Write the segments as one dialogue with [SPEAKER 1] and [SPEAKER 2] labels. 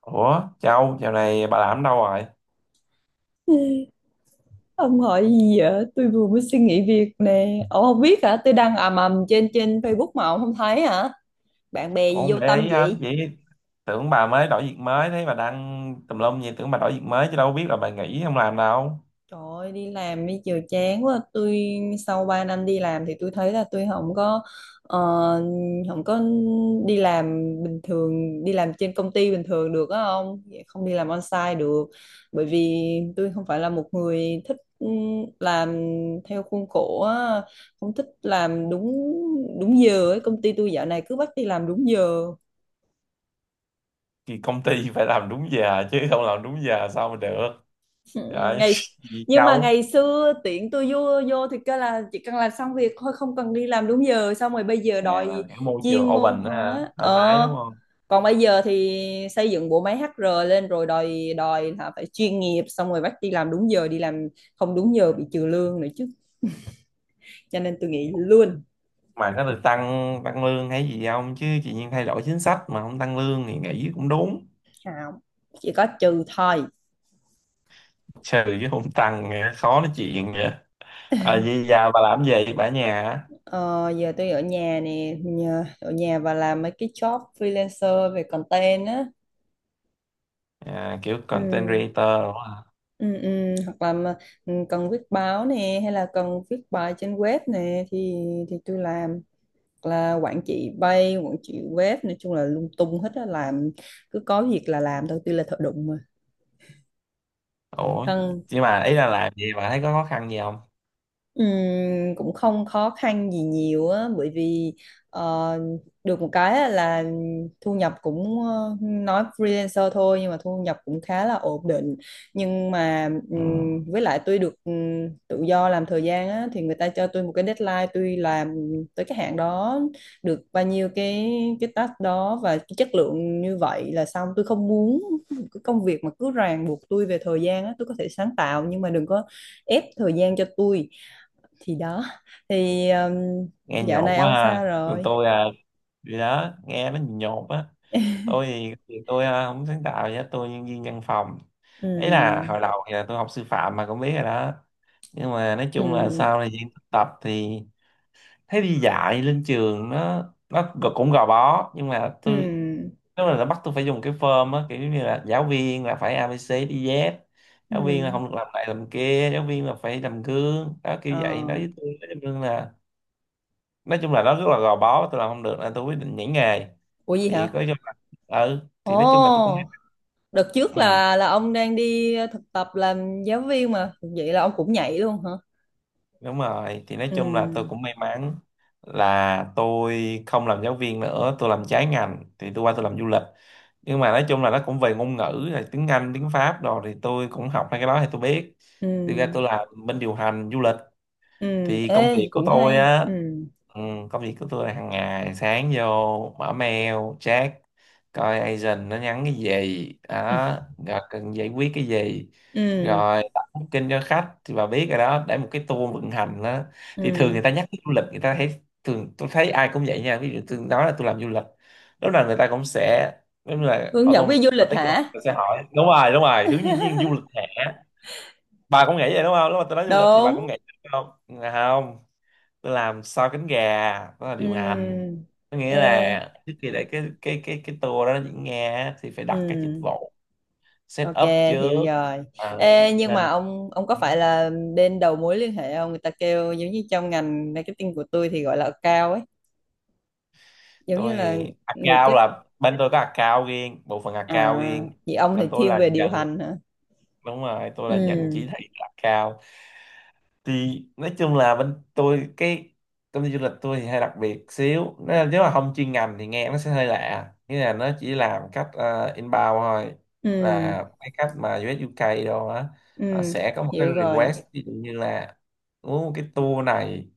[SPEAKER 1] Ủa, Châu, dạo này bà làm đâu rồi?
[SPEAKER 2] Ê, ông hỏi gì vậy? Tôi vừa mới suy nghĩ việc nè. Ông không biết hả? Tôi đang ầm ầm trên trên Facebook mà ông không thấy hả? Bạn bè
[SPEAKER 1] Cũng
[SPEAKER 2] gì
[SPEAKER 1] không
[SPEAKER 2] vô
[SPEAKER 1] để
[SPEAKER 2] tâm
[SPEAKER 1] ý lắm,
[SPEAKER 2] vậy?
[SPEAKER 1] chỉ tưởng bà mới đổi việc mới, thấy bà đăng tùm lum gì, tưởng bà đổi việc mới chứ đâu biết là bà nghỉ không làm đâu.
[SPEAKER 2] Trời ơi, đi làm đi chiều chán quá. Tôi sau 3 năm đi làm thì tôi thấy là tôi không có ờ, không có đi làm bình thường, đi làm trên công ty bình thường được á, không không đi làm on-site được. Bởi vì tôi không phải là một người thích làm theo khuôn khổ á, không thích làm đúng đúng giờ ấy. Công ty tôi dạo này cứ bắt đi làm đúng giờ.
[SPEAKER 1] Thì công ty phải làm đúng giờ chứ không làm đúng giờ sao mà được.
[SPEAKER 2] Ừ,
[SPEAKER 1] Trời,
[SPEAKER 2] ngày
[SPEAKER 1] gì
[SPEAKER 2] nhưng mà
[SPEAKER 1] Châu?
[SPEAKER 2] ngày xưa tiện tôi vô vô thì kêu là chỉ cần làm xong việc thôi, không cần đi làm đúng giờ, xong rồi bây giờ
[SPEAKER 1] À,
[SPEAKER 2] đòi
[SPEAKER 1] là cái môi trường
[SPEAKER 2] chuyên môn
[SPEAKER 1] open đó hả?
[SPEAKER 2] hóa,
[SPEAKER 1] Thoải mái đúng không?
[SPEAKER 2] còn bây giờ thì xây dựng bộ máy HR lên rồi đòi đòi là phải chuyên nghiệp, xong rồi bắt đi làm đúng giờ, đi làm không đúng giờ bị trừ lương nữa chứ. Cho nên tôi nghĩ luôn.
[SPEAKER 1] Mà có được tăng tăng lương hay gì không? Chứ chị nhiên thay đổi chính sách mà không tăng lương thì nghỉ cũng đúng.
[SPEAKER 2] Không, chỉ có trừ thôi.
[SPEAKER 1] Trừ chứ không tăng, nghe khó nói chuyện vậy. Ờ, vậy giờ bà làm gì vậy? Bà ở nhà hả?
[SPEAKER 2] Ờ, Giờ tôi ở nhà nè, ở nhà và làm mấy cái job freelancer về content á.
[SPEAKER 1] À, kiểu content
[SPEAKER 2] Ừ.
[SPEAKER 1] creator.
[SPEAKER 2] Ừ, ừ, hoặc là mà, cần viết báo nè hay là cần viết bài trên web nè thì tôi làm. Hoặc là quản trị web, nói chung là lung tung hết á, làm cứ có việc là làm thôi, tôi là thợ đụng mà.
[SPEAKER 1] Ủa,
[SPEAKER 2] Cần...
[SPEAKER 1] nhưng mà ý là làm gì mà thấy có khó khăn gì không?
[SPEAKER 2] Cũng không khó khăn gì nhiều á, bởi vì ờ, được một cái á là thu nhập cũng, nói freelancer thôi nhưng mà thu nhập cũng khá là ổn định, nhưng mà
[SPEAKER 1] Ừ.
[SPEAKER 2] với lại tôi được, tự do làm thời gian á, thì người ta cho tôi một cái deadline, tôi làm tới cái hạn đó, được bao nhiêu cái task đó và cái chất lượng như vậy là xong. Tôi không muốn cái công việc mà cứ ràng buộc tôi về thời gian á. Tôi có thể sáng tạo nhưng mà đừng có ép thời gian cho tôi. Thì đó. Thì
[SPEAKER 1] Nghe
[SPEAKER 2] dạo
[SPEAKER 1] nhột
[SPEAKER 2] này
[SPEAKER 1] quá
[SPEAKER 2] ông sao
[SPEAKER 1] ha. Còn
[SPEAKER 2] rồi?
[SPEAKER 1] tôi gì đó, nghe nó nhột á. Tôi thì tôi không sáng tạo gì hết, tôi nhân viên văn phòng. Ý là
[SPEAKER 2] Ừ.
[SPEAKER 1] hồi đầu thì là tôi học sư phạm mà cũng biết rồi đó. Nhưng mà nói chung là
[SPEAKER 2] Ừ.
[SPEAKER 1] sau thời gian thực tập thì thấy đi dạy lên trường nó cũng gò bó, nhưng mà tôi
[SPEAKER 2] Ừ.
[SPEAKER 1] nếu mà là bắt tôi phải dùng cái form á, kiểu như là giáo viên là phải ABC đi Z,
[SPEAKER 2] Ừ.
[SPEAKER 1] giáo viên là không được làm này làm kia, giáo viên là phải làm gương đó, kiểu
[SPEAKER 2] Ờ.
[SPEAKER 1] vậy nói với tôi, nói chung là nó rất là gò bó, tôi làm không được nên tôi quyết định nhảy nghề.
[SPEAKER 2] Ủa, gì hả?
[SPEAKER 1] Thì có cho, ừ thì nói chung là tôi cũng,
[SPEAKER 2] Ồ. Đợt trước
[SPEAKER 1] ừ.
[SPEAKER 2] là ông đang đi thực tập làm giáo viên mà, vậy là ông cũng nhảy luôn hả?
[SPEAKER 1] Đúng rồi, thì nói chung là tôi
[SPEAKER 2] Ừ.
[SPEAKER 1] cũng may mắn là tôi không làm giáo viên nữa, tôi làm trái ngành thì tôi qua tôi làm du lịch. Nhưng mà nói chung là nó cũng về ngôn ngữ là tiếng Anh, tiếng Pháp, rồi thì tôi cũng học hai cái đó thì tôi biết.
[SPEAKER 2] Ừ.
[SPEAKER 1] Thì ra tôi làm bên điều hành du lịch,
[SPEAKER 2] Ừ.
[SPEAKER 1] thì công
[SPEAKER 2] Ê,
[SPEAKER 1] việc của
[SPEAKER 2] cũng
[SPEAKER 1] tôi
[SPEAKER 2] hay.
[SPEAKER 1] á,
[SPEAKER 2] Ừ.
[SPEAKER 1] ừ, công việc của tôi là hàng ngày sáng vô mở mail, check coi agent nó nhắn cái gì
[SPEAKER 2] Ừ.
[SPEAKER 1] đó, rồi cần giải quyết cái gì,
[SPEAKER 2] Ừ.
[SPEAKER 1] rồi đặt kinh cho khách thì bà biết rồi đó, để một cái tour vận hành đó. Thì thường
[SPEAKER 2] Ừ.
[SPEAKER 1] người ta nhắc tới du lịch người ta thấy, thường tôi thấy ai cũng vậy nha, ví dụ tôi nói là tôi làm du lịch, lúc nào người ta cũng sẽ, đúng là
[SPEAKER 2] Hướng dẫn viên du lịch
[SPEAKER 1] automatic luôn, người
[SPEAKER 2] hả?
[SPEAKER 1] ta sẽ hỏi đúng rồi hướng nhân viên du lịch hả, bà cũng nghĩ vậy đúng không, lúc mà tôi nói du lịch thì bà
[SPEAKER 2] Đúng.
[SPEAKER 1] cũng nghĩ đúng không? Dạ không, tôi làm sau cánh gà, đó là điều hành.
[SPEAKER 2] Ừ.
[SPEAKER 1] Có nghĩa
[SPEAKER 2] Ê.
[SPEAKER 1] là trước khi để cái tour đó nó diễn ra á, thì phải đặt các dịch
[SPEAKER 2] Ừ.
[SPEAKER 1] vụ set
[SPEAKER 2] Ok,
[SPEAKER 1] up
[SPEAKER 2] hiểu
[SPEAKER 1] trước.
[SPEAKER 2] rồi.
[SPEAKER 1] Ờ,
[SPEAKER 2] Ê, nhưng
[SPEAKER 1] nên
[SPEAKER 2] mà ông có phải là bên đầu mối liên hệ không? Người ta kêu giống như trong ngành marketing của tôi thì gọi là account ấy, giống như
[SPEAKER 1] tôi
[SPEAKER 2] là
[SPEAKER 1] thì
[SPEAKER 2] người
[SPEAKER 1] account
[SPEAKER 2] kết
[SPEAKER 1] là bên tôi có account riêng, bộ phận account
[SPEAKER 2] à,
[SPEAKER 1] riêng,
[SPEAKER 2] vậy ông thì
[SPEAKER 1] còn tôi
[SPEAKER 2] thiên
[SPEAKER 1] là
[SPEAKER 2] về điều
[SPEAKER 1] nhận,
[SPEAKER 2] hành hả?
[SPEAKER 1] đúng rồi, tôi là nhận
[SPEAKER 2] Ừ,
[SPEAKER 1] chỉ thị account. Thì nói chung là bên tôi, cái công ty du lịch tôi thì hơi đặc biệt xíu. Nó- nếu mà không chuyên ngành thì nghe nó sẽ hơi lạ, nghĩa là nó chỉ làm cách inbound thôi,
[SPEAKER 2] ừ,
[SPEAKER 1] là cái cách mà US UK đâu á, họ
[SPEAKER 2] ừ,
[SPEAKER 1] sẽ có một cái
[SPEAKER 2] hiểu rồi.
[SPEAKER 1] request ví dụ như là muốn một cái tour này,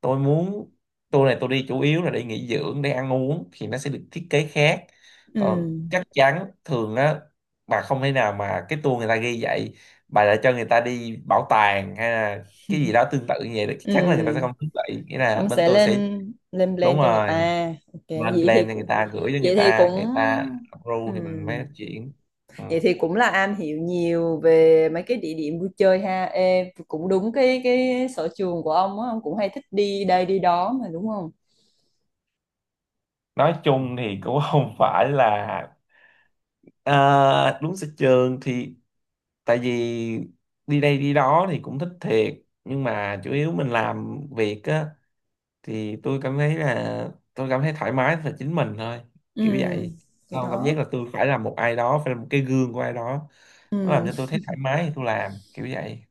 [SPEAKER 1] tôi muốn tour này tôi đi chủ yếu là để nghỉ dưỡng, để ăn uống, thì nó sẽ được thiết kế khác.
[SPEAKER 2] Ừ,
[SPEAKER 1] Còn chắc chắn thường á, bà không thể nào mà cái tour người ta ghi vậy bà lại cho người ta đi bảo tàng hay cái gì đó tương tự như vậy, chắc chắn là người ta sẽ
[SPEAKER 2] ừ.
[SPEAKER 1] không thích. Vậy nghĩa là
[SPEAKER 2] Ông
[SPEAKER 1] bên
[SPEAKER 2] sẽ
[SPEAKER 1] tôi sẽ,
[SPEAKER 2] lên lên
[SPEAKER 1] đúng
[SPEAKER 2] plan cho người
[SPEAKER 1] rồi,
[SPEAKER 2] ta. Ok,
[SPEAKER 1] lên plan cho người ta, gửi cho người
[SPEAKER 2] vậy thì cũng
[SPEAKER 1] ta, người ta
[SPEAKER 2] ừ.
[SPEAKER 1] approve thì mình mới chuyển. Ừ.
[SPEAKER 2] Vậy thì cũng là am hiểu nhiều về mấy cái địa điểm vui chơi ha. Ê, cũng đúng cái sở trường của ông á, ông cũng hay thích đi đây đi đó mà đúng không?
[SPEAKER 1] Nói chung thì cũng không phải là, à, đúng sở trường thì, tại vì đi đây đi đó thì cũng thích thiệt, nhưng mà chủ yếu mình làm việc á, thì tôi cảm thấy là tôi cảm thấy thoải mái là chính mình thôi,
[SPEAKER 2] Ừ,
[SPEAKER 1] kiểu vậy.
[SPEAKER 2] thì
[SPEAKER 1] Không cảm
[SPEAKER 2] đó.
[SPEAKER 1] giác là tôi phải là một ai đó, phải là một cái gương của ai đó. Nó làm
[SPEAKER 2] Ừ.
[SPEAKER 1] cho tôi thấy thoải mái thì tôi làm, kiểu vậy.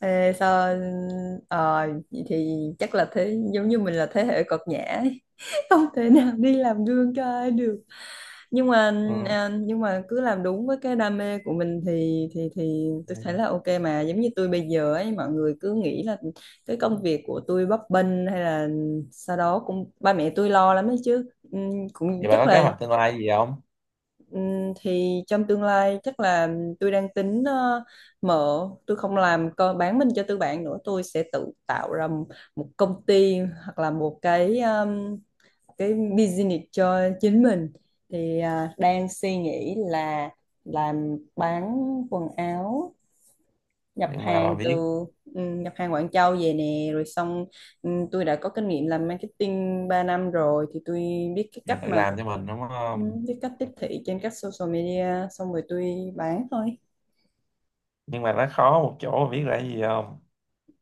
[SPEAKER 2] Ê, vậy thì chắc là thế, giống như mình là thế hệ cợt nhã, không thể nào đi làm gương cho ai được, nhưng mà
[SPEAKER 1] Ừ.
[SPEAKER 2] nhưng mà cứ làm đúng với cái đam mê của mình thì tôi thấy là ok mà. Giống như tôi bây giờ ấy, mọi người cứ nghĩ là cái công việc của tôi bấp bênh hay là sau đó cũng, ba mẹ tôi lo lắm đấy chứ. Cũng
[SPEAKER 1] Vậy bà
[SPEAKER 2] chắc
[SPEAKER 1] có kế
[SPEAKER 2] là,
[SPEAKER 1] hoạch tương lai gì không?
[SPEAKER 2] thì trong tương lai chắc là tôi đang tính, tôi không làm, bán mình cho tư bản nữa, tôi sẽ tự tạo ra một công ty, hoặc là một cái business cho chính mình. Thì đang suy nghĩ là làm bán quần áo, nhập
[SPEAKER 1] Nhưng mà bà
[SPEAKER 2] hàng từ,
[SPEAKER 1] biết
[SPEAKER 2] nhập hàng Quảng Châu về nè, rồi xong, tôi đã có kinh nghiệm làm marketing 3 năm rồi, thì tôi biết cái
[SPEAKER 1] là
[SPEAKER 2] cách
[SPEAKER 1] tự
[SPEAKER 2] mà,
[SPEAKER 1] làm cho mình đúng
[SPEAKER 2] ừ,
[SPEAKER 1] không?
[SPEAKER 2] biết cách tiếp thị trên các social media, xong rồi tôi bán thôi.
[SPEAKER 1] Nhưng mà nó khó một chỗ bà biết là cái gì không?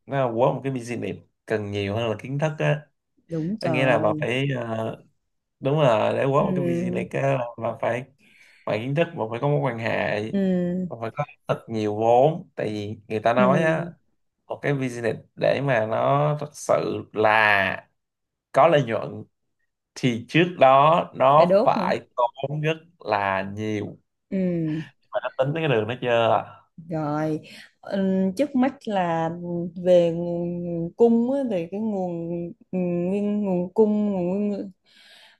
[SPEAKER 1] Nó là quất một cái business cần nhiều hơn là kiến thức á.
[SPEAKER 2] Đúng
[SPEAKER 1] Có nghĩa là bà
[SPEAKER 2] trời.
[SPEAKER 1] phải đúng là để quất
[SPEAKER 2] Ừ.
[SPEAKER 1] một cái business á là bà phải, ngoài kiến thức bà phải có mối quan hệ,
[SPEAKER 2] Ừ.
[SPEAKER 1] bà phải có thật nhiều vốn. Tại vì người ta nói á,
[SPEAKER 2] Ừ.
[SPEAKER 1] một cái business để mà nó thật sự là có lợi nhuận thì trước đó
[SPEAKER 2] Phải
[SPEAKER 1] nó
[SPEAKER 2] đốt hả?
[SPEAKER 1] phải tốn rất là nhiều.
[SPEAKER 2] Ừ.
[SPEAKER 1] Mày đã tính tới cái đường đó chưa?
[SPEAKER 2] Rồi, trước mắt là về nguồn cung á, về cái nguồn nguyên nguồn cung nguồn nguyên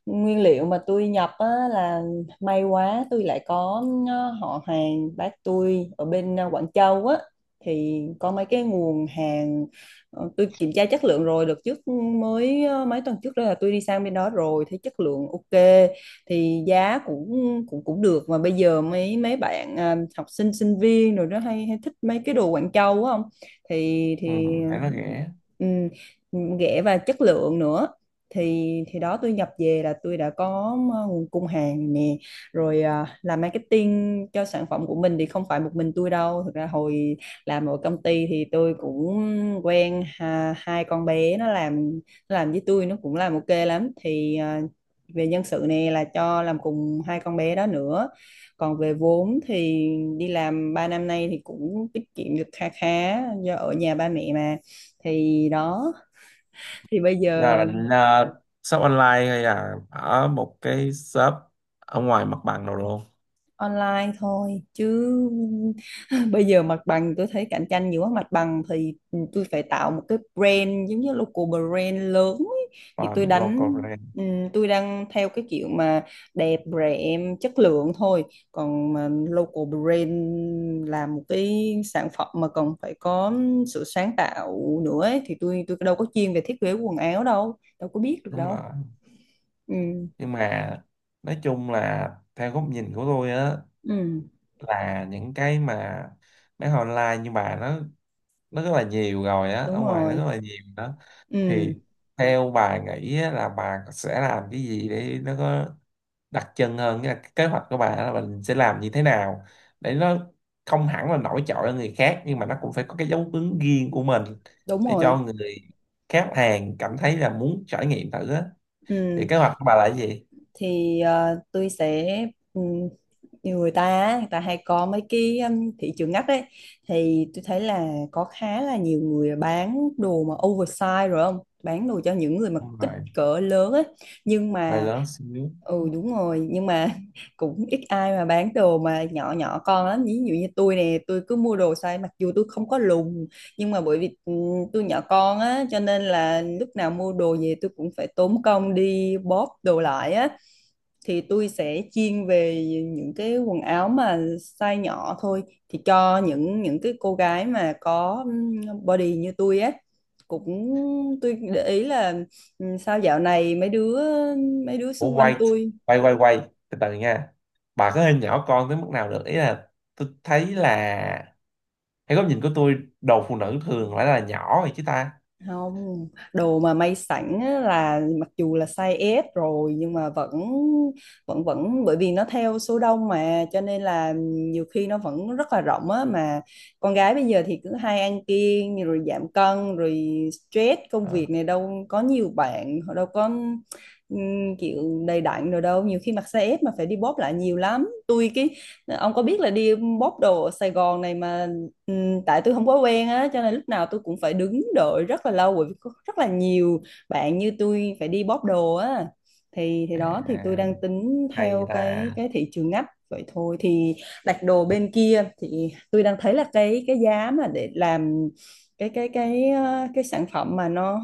[SPEAKER 2] nguyên liệu mà tôi nhập á, là may quá tôi lại có, họ hàng bác tôi ở bên, Quảng Châu á, thì có mấy cái nguồn hàng. Tôi kiểm tra chất lượng rồi, đợt trước mới, mấy tuần trước đó là tôi đi sang bên đó rồi, thấy chất lượng ok, thì giá cũng cũng cũng được mà. Bây giờ mấy mấy bạn học sinh sinh viên rồi đó, hay hay thích mấy cái đồ Quảng Châu á không, thì
[SPEAKER 1] Ừ,
[SPEAKER 2] thì
[SPEAKER 1] thấy nó rẻ.
[SPEAKER 2] ừ, rẻ và chất lượng nữa. Thì đó, tôi nhập về là tôi đã có, nguồn cung hàng nè, rồi làm marketing cho sản phẩm của mình thì không phải một mình tôi đâu. Thực ra hồi làm ở công ty thì tôi cũng quen, hai con bé nó làm với tôi, nó cũng làm ok lắm. Thì về nhân sự này là cho làm cùng hai con bé đó nữa. Còn về vốn thì đi làm 3 năm nay thì cũng tiết kiệm được kha khá, do ở nhà ba mẹ mà. Thì đó. Thì bây
[SPEAKER 1] Giờ
[SPEAKER 2] giờ
[SPEAKER 1] bạn à, shop online hay là ở một cái shop ở ngoài mặt bằng nào luôn?
[SPEAKER 2] online thôi chứ, bây giờ mặt bằng tôi thấy cạnh tranh nhiều quá. Mặt bằng thì, tôi phải tạo một cái brand giống như local brand lớn ấy.
[SPEAKER 1] Không.
[SPEAKER 2] Thì
[SPEAKER 1] Ờ, local brand.
[SPEAKER 2] tôi đang theo cái kiểu mà đẹp, rẻ, chất lượng thôi. Còn mà local brand là một cái sản phẩm mà còn phải có sự sáng tạo nữa ấy, thì tôi đâu có chuyên về thiết kế quần áo đâu, đâu có biết được
[SPEAKER 1] Đúng rồi,
[SPEAKER 2] đâu. Ừ.
[SPEAKER 1] nhưng mà nói chung là theo góc nhìn của tôi á,
[SPEAKER 2] Ừ.
[SPEAKER 1] là những cái mà bán online như bà nó rất là nhiều rồi á, ở
[SPEAKER 2] Đúng
[SPEAKER 1] ngoài nó rất
[SPEAKER 2] rồi.
[SPEAKER 1] là nhiều đó. Thì
[SPEAKER 2] Ừ.
[SPEAKER 1] theo bà nghĩ á, là bà sẽ làm cái gì để nó có đặc trưng hơn, nghĩa là cái kế hoạch của bà là mình sẽ làm như thế nào để nó không hẳn là nổi trội hơn người khác, nhưng mà nó cũng phải có cái dấu ấn riêng của mình,
[SPEAKER 2] Đúng
[SPEAKER 1] để cho
[SPEAKER 2] rồi.
[SPEAKER 1] người khách hàng cảm thấy là muốn trải nghiệm thử á, thì
[SPEAKER 2] Ừ.
[SPEAKER 1] kế hoạch của bà là cái gì?
[SPEAKER 2] Thì tôi sẽ, ừm, nhiều người ta á, người ta hay có mấy cái, thị trường ngách ấy, thì tôi thấy là có khá là nhiều người bán đồ mà oversize, rồi không bán đồ cho những người mà
[SPEAKER 1] Đúng
[SPEAKER 2] kích
[SPEAKER 1] rồi,
[SPEAKER 2] cỡ lớn ấy nhưng
[SPEAKER 1] bài
[SPEAKER 2] mà.
[SPEAKER 1] lớn xíu.
[SPEAKER 2] Ừ, đúng rồi. Nhưng mà cũng ít ai mà bán đồ mà nhỏ nhỏ con lắm. Ví dụ như tôi nè, tôi cứ mua đồ size, mặc dù tôi không có lùn nhưng mà bởi vì, tôi nhỏ con á, cho nên là lúc nào mua đồ về tôi cũng phải tốn công đi bóp đồ lại á. Thì tôi sẽ chuyên về những cái quần áo mà size nhỏ thôi, thì cho những cái cô gái mà có, body như tôi á, cũng. Tôi để ý là, sao dạo này mấy đứa
[SPEAKER 1] Ủa,
[SPEAKER 2] xung quanh
[SPEAKER 1] quay
[SPEAKER 2] tôi...
[SPEAKER 1] quay quay quay từ từ nha, bà có hình nhỏ con tới mức nào được, ý là tôi thấy là theo góc nhìn của tôi đồ phụ nữ thường phải là nhỏ rồi chứ ta.
[SPEAKER 2] Không, đồ mà may sẵn á là mặc dù là size S rồi nhưng mà vẫn vẫn vẫn bởi vì nó theo số đông mà, cho nên là nhiều khi nó vẫn rất là rộng á mà. Con gái bây giờ thì cứ hay ăn kiêng rồi giảm cân rồi stress công
[SPEAKER 1] Ờ.
[SPEAKER 2] việc này đâu, có nhiều bạn họ đâu có, kiểu đầy đặn rồi đâu, nhiều khi mặc size S mà phải đi bóp lại nhiều lắm. Tôi ông có biết là đi bóp đồ ở Sài Gòn này mà. Ừ, tại tôi không quá quen á, cho nên lúc nào tôi cũng phải đứng đợi rất là lâu, bởi vì có rất là nhiều bạn như tôi phải đi bóp đồ á. Thì đó, thì tôi
[SPEAKER 1] À,
[SPEAKER 2] đang tính
[SPEAKER 1] hay
[SPEAKER 2] theo cái
[SPEAKER 1] là,
[SPEAKER 2] cái thị trường ngách vậy thôi. Thì đặt đồ bên kia thì tôi đang thấy là cái giá mà để làm cái sản phẩm mà nó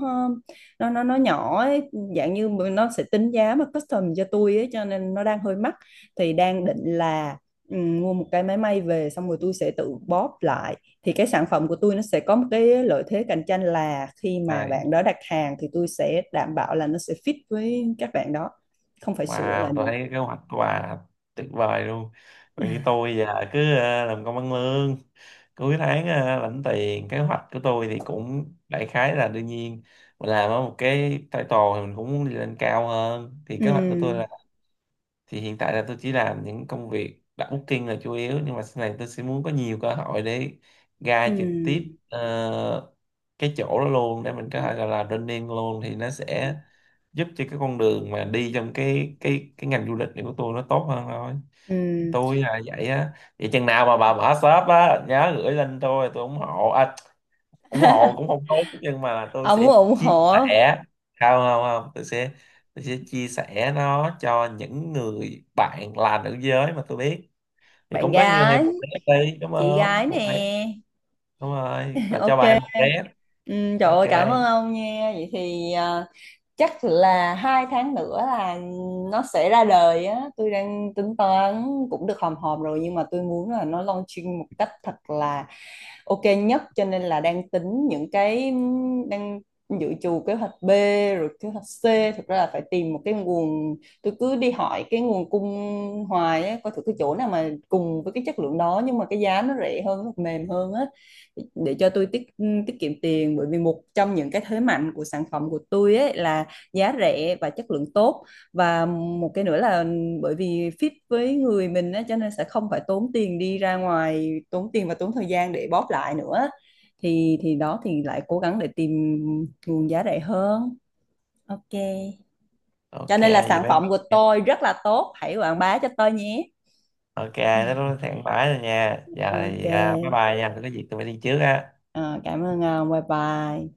[SPEAKER 2] nó nó nó nhỏ ấy, dạng như nó sẽ tính giá mà custom cho tôi ấy, cho nên nó đang hơi mắc. Thì đang định là, mua một cái máy may về, xong rồi tôi sẽ tự bóp lại. Thì cái sản phẩm của tôi nó sẽ có một cái lợi thế cạnh tranh là khi mà bạn
[SPEAKER 1] hay
[SPEAKER 2] đó đặt hàng thì tôi sẽ đảm bảo là nó sẽ fit với các bạn đó, không phải sửa lại
[SPEAKER 1] Wow, tôi
[SPEAKER 2] nữa.
[SPEAKER 1] thấy cái kế hoạch của bà tuyệt vời luôn. Còn như tôi giờ cứ làm công ăn lương, cuối tháng lãnh tiền. Kế hoạch của tôi thì cũng đại khái là đương nhiên mình làm ở một cái title thì mình cũng muốn đi lên cao hơn. Thì kế hoạch của tôi là,
[SPEAKER 2] Ừ.
[SPEAKER 1] thì hiện tại là tôi chỉ làm những công việc đặt booking là chủ yếu, nhưng mà sau này tôi sẽ muốn có nhiều cơ hội để ra trực tiếp
[SPEAKER 2] Ừ.
[SPEAKER 1] ờ, cái chỗ đó luôn, để mình có thể gọi là running luôn, thì nó sẽ giúp cho cái con đường mà đi trong cái ngành du lịch này của tôi nó tốt hơn thôi. Thì
[SPEAKER 2] Ừ.
[SPEAKER 1] tôi là vậy á. Vậy chừng nào mà bà mở shop á nhớ gửi lên tôi ủng hộ, à, ủng hộ cũng không tốt, nhưng mà tôi
[SPEAKER 2] Ông
[SPEAKER 1] sẽ
[SPEAKER 2] ủng
[SPEAKER 1] chia
[SPEAKER 2] hộ.
[SPEAKER 1] sẻ, không không không, tôi sẽ, tôi sẽ chia sẻ nó cho những người bạn là nữ giới mà tôi biết, thì
[SPEAKER 2] Bạn
[SPEAKER 1] cũng có như thêm
[SPEAKER 2] gái,
[SPEAKER 1] một rep đi đúng
[SPEAKER 2] chị
[SPEAKER 1] không,
[SPEAKER 2] gái
[SPEAKER 1] một
[SPEAKER 2] nè.
[SPEAKER 1] rep. Đúng rồi, là cho
[SPEAKER 2] Ok.
[SPEAKER 1] bà thêm một rep.
[SPEAKER 2] Ừ, trời
[SPEAKER 1] Ok.
[SPEAKER 2] ơi, cảm ơn ông nha. Vậy thì chắc là 2 tháng nữa là nó sẽ ra đời á. Tôi đang tính toán cũng được hòm hòm rồi, nhưng mà tôi muốn là nó launching một cách thật là ok nhất, cho nên là đang tính những cái, đang dự trù kế hoạch B rồi kế hoạch C. Thực ra là phải tìm một cái nguồn, tôi cứ đi hỏi cái nguồn cung hoài á, coi thử cái chỗ nào mà cùng với cái chất lượng đó nhưng mà cái giá nó rẻ hơn, mềm hơn á, để cho tôi tiết tiết kiệm tiền. Bởi vì một trong những cái thế mạnh của sản phẩm của tôi ấy là giá rẻ và chất lượng tốt, và một cái nữa là bởi vì fit với người mình á, cho nên sẽ không phải tốn tiền đi ra ngoài, tốn tiền và tốn thời gian để bóp lại nữa. Thì đó, thì lại cố gắng để tìm nguồn giá rẻ hơn. Ok, cho
[SPEAKER 1] Ok,
[SPEAKER 2] nên là
[SPEAKER 1] vậy
[SPEAKER 2] sản
[SPEAKER 1] bye
[SPEAKER 2] phẩm của
[SPEAKER 1] bye.
[SPEAKER 2] tôi rất là tốt, hãy quảng bá cho tôi nhé.
[SPEAKER 1] Ok, nó thẳng bãi rồi nha, giờ thì à, bye
[SPEAKER 2] Ok.
[SPEAKER 1] bye nha, tôi có gì tôi phải đi trước á.
[SPEAKER 2] Ờ, cảm ơn ông, bye bye.